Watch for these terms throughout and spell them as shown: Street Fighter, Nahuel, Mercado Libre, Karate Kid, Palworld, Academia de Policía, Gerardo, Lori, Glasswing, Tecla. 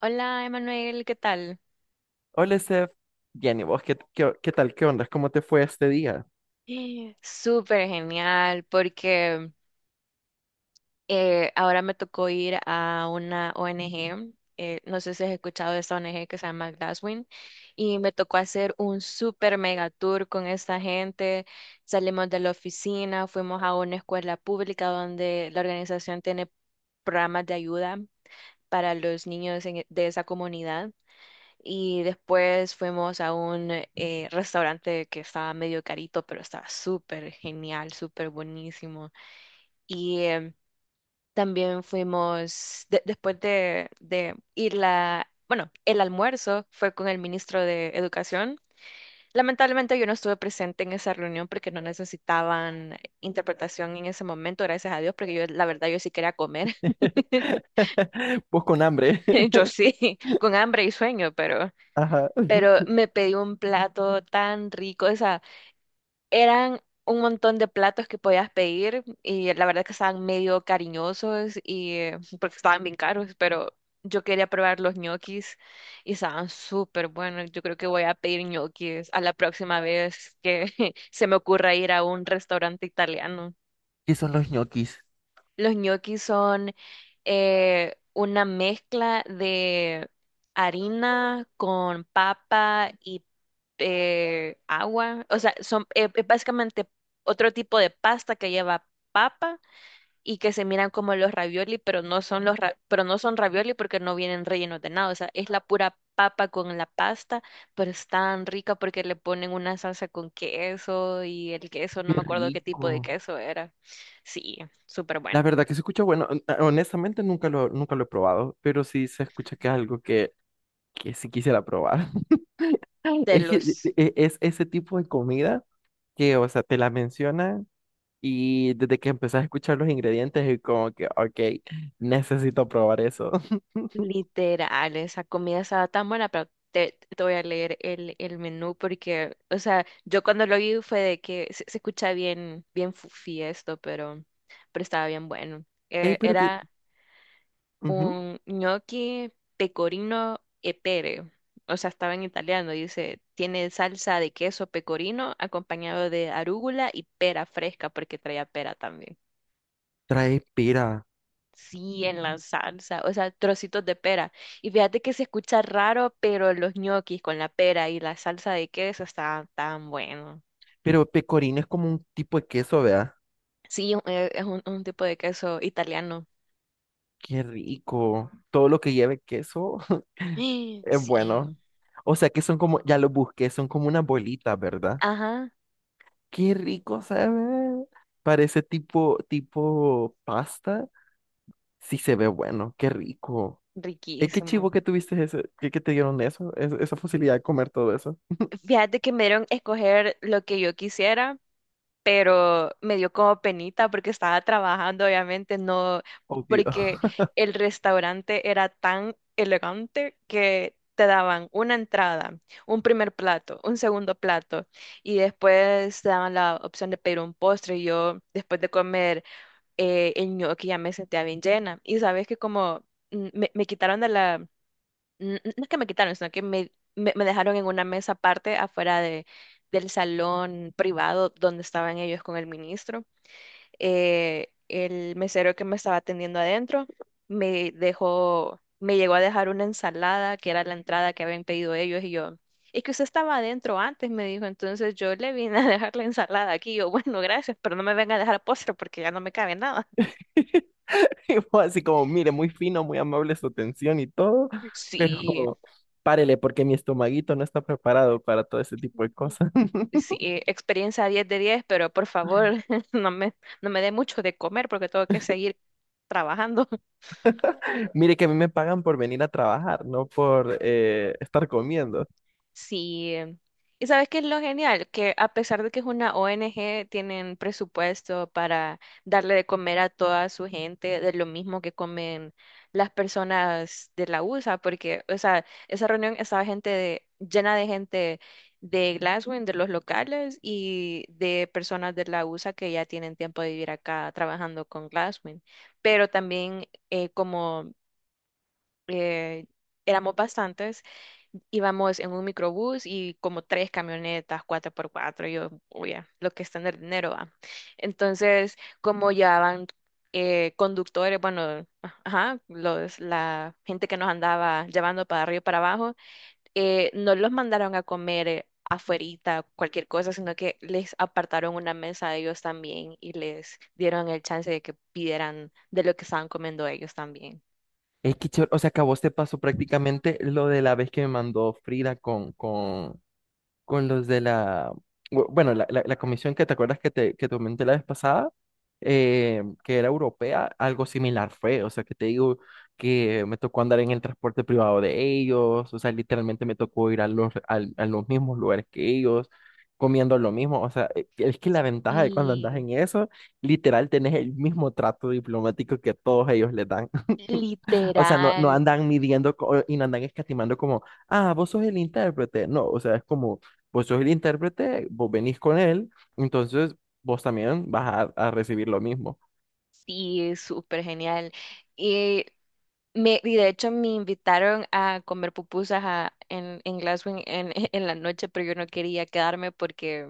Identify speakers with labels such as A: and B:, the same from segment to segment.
A: Hola, Emanuel, ¿qué tal?
B: Hola, Sef. Bien, ¿y vos qué tal? ¿Qué onda? ¿Cómo te fue este día?
A: Súper genial, porque ahora me tocó ir a una ONG. No sé si has escuchado de esta ONG que se llama Glasswing, y me tocó hacer un súper mega tour con esta gente. Salimos de la oficina, fuimos a una escuela pública donde la organización tiene programas de ayuda para los niños de esa comunidad. Y después fuimos a un restaurante que estaba medio carito, pero estaba súper genial, súper buenísimo. Y también fuimos, después de ir bueno, el almuerzo fue con el ministro de Educación. Lamentablemente yo no estuve presente en esa reunión porque no necesitaban interpretación en ese momento, gracias a Dios, porque yo, la verdad, yo sí quería comer.
B: Vos con hambre.
A: Yo sí, con hambre y sueño, pero...
B: Ajá.
A: pero me pedí un plato tan rico, o sea, eran un montón de platos que podías pedir y la verdad que estaban medio cariñosos y porque estaban bien caros, pero yo quería probar los ñoquis y estaban súper buenos. Yo creo que voy a pedir ñoquis a la próxima vez que se me ocurra ir a un restaurante italiano.
B: ¿Qué son los ñoquis?
A: Los ñoquis son una mezcla de harina con papa y agua. O sea, son básicamente otro tipo de pasta que lleva papa y que se miran como los ravioli, pero no son ravioli porque no vienen rellenos de nada. O sea, es la pura papa con la pasta, pero es tan rica porque le ponen una salsa con queso y el queso, no
B: Qué
A: me acuerdo qué tipo de
B: rico.
A: queso era. Sí, súper bueno.
B: La verdad que se escucha bueno. Honestamente, nunca lo he probado, pero sí se escucha que es algo que sí quisiera probar.
A: de
B: Es que
A: los
B: es ese tipo de comida que, o sea, te la mencionan y desde que empezás a escuchar los ingredientes es como que, ok, necesito probar eso.
A: Literales. Esa comida estaba tan buena, pero te voy a leer el menú porque, o sea, yo cuando lo vi fue de que se escucha bien, bien fufi esto, pero estaba bien bueno.
B: Ey, pero que
A: Era
B: ujú,
A: un gnocchi pecorino e pere. O sea, estaba en italiano, dice, tiene salsa de queso pecorino acompañado de arúgula y pera fresca, porque traía pera también.
B: trae pera.
A: Sí, en la salsa, o sea, trocitos de pera. Y fíjate que se escucha raro, pero los ñoquis con la pera y la salsa de queso está tan bueno.
B: Pero pecorino es como un tipo de queso, ¿verdad?
A: Sí, es un tipo de queso italiano.
B: Qué rico. Todo lo que lleve queso es
A: Sí,
B: bueno. O sea que son como, ya lo busqué, son como una bolita, ¿verdad?
A: ajá,
B: Qué rico se ve. Parece tipo pasta. Sí se ve bueno, qué rico. Es qué
A: riquísimo.
B: chivo que tuviste que te dieron eso, esa facilidad de comer todo eso.
A: Fíjate que me dieron escoger lo que yo quisiera, pero me dio como penita porque estaba trabajando, obviamente, no,
B: Obvio.
A: porque el restaurante era tan elegante que te daban una entrada, un primer plato, un segundo plato, y después te daban la opción de pedir un postre. Y yo, después de comer el ñoqui, ya me sentía bien llena. Y sabes que como me quitaron de la no es que me quitaron, sino que me dejaron en una mesa aparte afuera de, del salón privado donde estaban ellos con el ministro. El mesero que me estaba atendiendo adentro me dejó, me llegó a dejar una ensalada que era la entrada que habían pedido ellos y yo. Es que usted estaba adentro antes, me dijo, entonces yo le vine a dejar la ensalada aquí. Yo, bueno, gracias, pero no me venga a dejar postre porque ya no me cabe nada.
B: Y vos así como, mire, muy fino, muy amable su atención y todo,
A: Sí.
B: pero párele porque mi estomaguito no está preparado para todo ese tipo de cosas.
A: Sí, experiencia 10 de 10, pero por favor, no me, no me dé mucho de comer porque tengo que seguir trabajando.
B: Mire que a mí me pagan por venir a trabajar, no por estar comiendo.
A: Sí. ¿Y sabes qué es lo genial? Que a pesar de que es una ONG, tienen presupuesto para darle de comer a toda su gente de lo mismo que comen las personas de la USA, porque, o sea, esa reunión estaba gente de- llena de gente de Glasgow, de los locales y de personas de la USA que ya tienen tiempo de vivir acá trabajando con Glasgow. Pero también como eh, éramos bastantes, íbamos en un microbús y como tres camionetas, cuatro por cuatro, yo, oye, lo que es tener dinero, va. Entonces, como llevaban conductores, bueno, ajá, la gente que nos andaba llevando para arriba y para abajo, no los mandaron a comer afuerita, cualquier cosa, sino que les apartaron una mesa a ellos también y les dieron el chance de que pidieran de lo que estaban comiendo ellos también.
B: Es que, chévere, o sea, que a vos te pasó prácticamente lo de la vez que me mandó Frida con los bueno, la comisión que te acuerdas que que te comenté la vez pasada, que era europea, algo similar fue, o sea, que te digo que me tocó andar en el transporte privado de ellos, o sea, literalmente me tocó ir a a los mismos lugares que ellos, comiendo lo mismo, o sea, es que la ventaja de cuando andas
A: Y
B: en eso, literal, tenés el mismo trato diplomático que a todos ellos le dan. O sea, no
A: literal.
B: andan midiendo y no andan escatimando como, ah, vos sos el intérprete. No, o sea, es como, vos sos el intérprete, vos venís con él, entonces vos también vas a recibir lo mismo.
A: Sí, súper genial. Y, y de hecho me invitaron a comer pupusas en Glasgow en la noche, pero yo no quería quedarme porque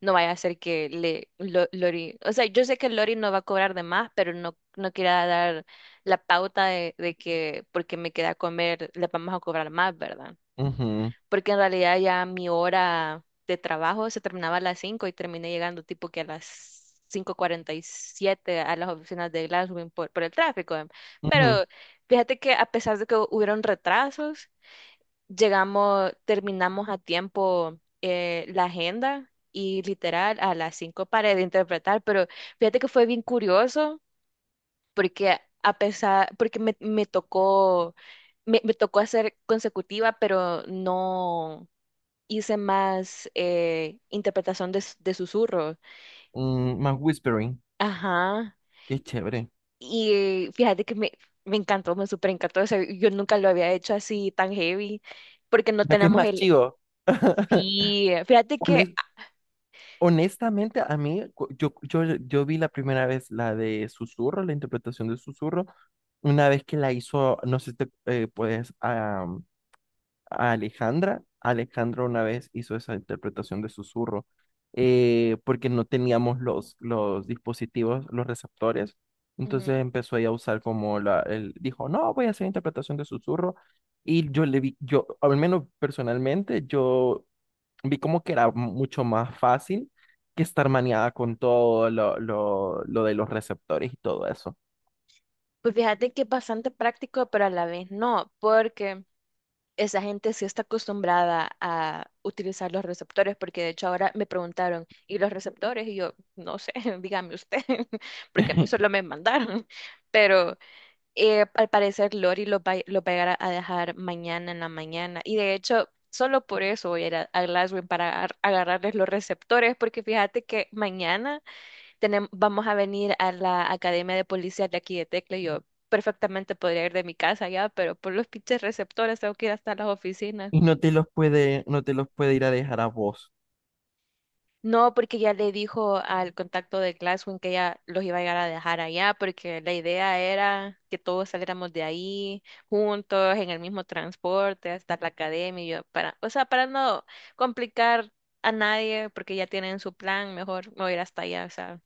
A: no vaya a ser Lori, o sea, yo sé que Lori no va a cobrar de más, pero no, no quería dar la pauta de que porque me queda a comer le vamos a cobrar más, ¿verdad?
B: Ujú,
A: Porque en realidad ya mi hora de trabajo se terminaba a las 5 y terminé llegando tipo que a las 5:47 a las oficinas de Glasgow por el tráfico.
B: ujú,
A: Pero fíjate que a pesar de que hubieron retrasos, llegamos, terminamos a tiempo la agenda y literal a las 5 paré de interpretar, pero fíjate que fue bien curioso porque me tocó hacer consecutiva, pero no, hice más interpretación de susurros.
B: mm, más whispering,
A: Ajá.
B: qué chévere.
A: Y fíjate que me encantó, me súper encantó. O sea, yo nunca lo había hecho así tan heavy, porque no
B: Ya que es
A: tenemos
B: más
A: el.
B: chivo.
A: Sí, fíjate que.
B: Hones- honestamente, a mí, yo vi la primera vez la de Susurro, la interpretación de Susurro, una vez que la hizo, no sé si te puedes Alejandra. Alejandra una vez hizo esa interpretación de susurro porque no teníamos los dispositivos, los receptores.
A: Ujú,
B: Entonces empezó ella a usar como dijo, no, voy a hacer interpretación de susurro. Y yo le vi, yo, al menos personalmente, yo vi como que era mucho más fácil que estar maniada con todo lo de los receptores y todo eso.
A: pues fíjate que es bastante práctico, pero a la vez no, porque esa gente sí está acostumbrada a utilizar los receptores, porque de hecho ahora me preguntaron, ¿y los receptores? Y yo, no sé, dígame usted, porque a mí solo me mandaron, pero. Al parecer Lori lo va a llegar a dejar mañana en la mañana. Y de hecho, solo por eso voy a ir a Glasgow para agarrarles los receptores, porque fíjate que mañana vamos a venir a la Academia de Policía de aquí de Tecla, y yo perfectamente podría ir de mi casa ya, pero por los pinches receptores tengo que ir hasta las oficinas.
B: Y no te los puede, no te los puede ir a dejar a vos.
A: No, porque ya le dijo al contacto de Glasswing que ella los iba a llegar a dejar allá, porque la idea era que todos saliéramos de ahí juntos, en el mismo transporte, hasta la academia, y yo para, o sea, para no complicar a nadie, porque ya tienen su plan, mejor me voy a ir hasta allá, o sea,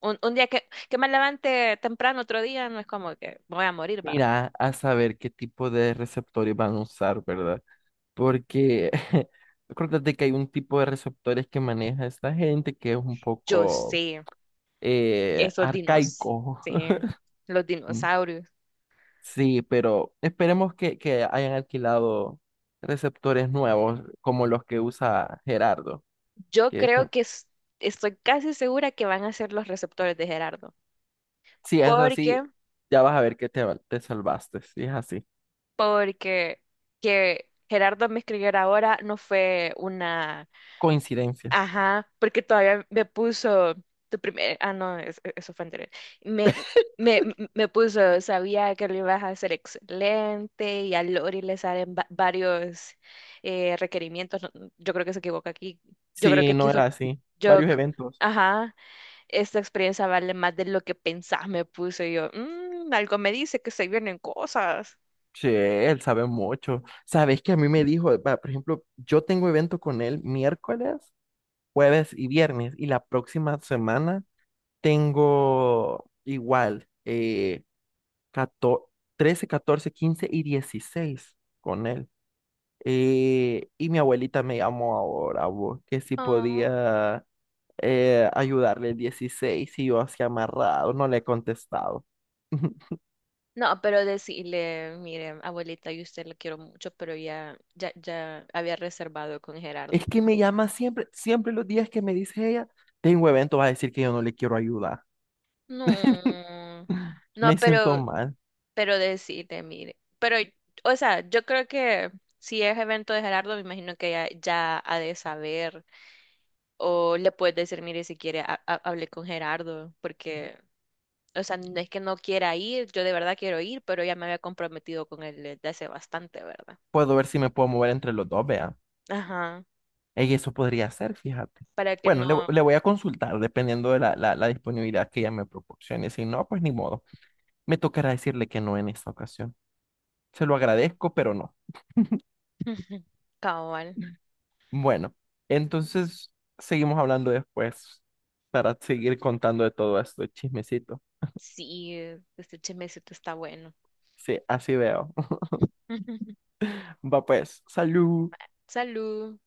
A: un día que me levante temprano, otro día, no es como que me voy a morir, va.
B: Mira, a saber qué tipo de receptores van a usar, ¿verdad? Porque acuérdate que hay un tipo de receptores que maneja esta gente que es un
A: Yo
B: poco
A: sé, esos dinos,
B: arcaico.
A: sí, los
B: Mm.
A: dinosaurios.
B: Sí, pero esperemos que hayan alquilado receptores nuevos como los que usa Gerardo.
A: Yo
B: Que es
A: creo
B: un-
A: que estoy casi segura que van a ser los receptores de Gerardo.
B: si es
A: ¿Por
B: así,
A: qué?
B: ya vas a ver que te salvaste, si es así.
A: Porque que Gerardo me escribiera ahora no fue una.
B: Coincidencia.
A: Ajá, porque todavía me puso tu primer. Ah, no, eso fue anterior. Me, me, me puso, sabía que lo ibas a hacer excelente y a Lori le salen varios requerimientos. No, yo creo que se equivoca aquí. Yo creo
B: Sí,
A: que
B: no era
A: quiso.
B: así.
A: Yo.
B: Varios eventos.
A: Ajá. Esta experiencia vale más de lo que pensás, me puse yo. "Mm, algo me dice que se vienen cosas.
B: Sí, él sabe mucho. Sabes que a mí me dijo, va, por ejemplo, yo tengo evento con él miércoles, jueves y viernes, y la próxima semana tengo igual eh, 14 13, 14, 15 y 16 con él. Y mi abuelita me llamó ahora, vos, que si
A: Oh.
B: podía ayudarle el 16 y yo así amarrado, no le he contestado.
A: No, pero decirle, mire, abuelita, yo a usted la quiero mucho, pero ya, ya, ya había reservado con Gerardo.
B: Es que me llama siempre, siempre los días que me dice ella, tengo evento, va a decir que yo no le quiero ayudar.
A: No, no,
B: Me siento
A: pero,
B: mal.
A: pero decirle, mire, pero, o sea, yo creo que si es evento de Gerardo, me imagino que ya, ya ha de saber. O le puedes decir, mire, si quiere, hablé con Gerardo, porque, o sea, no es que no quiera ir, yo de verdad quiero ir, pero ya me había comprometido con él desde hace bastante, ¿verdad?
B: Puedo ver si me puedo mover entre los dos, vea.
A: Ajá,
B: Ey, eso podría ser, fíjate.
A: para que
B: Bueno,
A: no.
B: le voy a consultar dependiendo de la disponibilidad que ella me proporcione. Si no, pues ni modo. Me tocará decirle que no en esta ocasión. Se lo agradezco, pero no.
A: Cabal,
B: Bueno, entonces seguimos hablando después para seguir contando de todo esto, chismecito.
A: sí, este chismecito está bueno.
B: Sí, así veo. Va pues, salud.
A: Salud.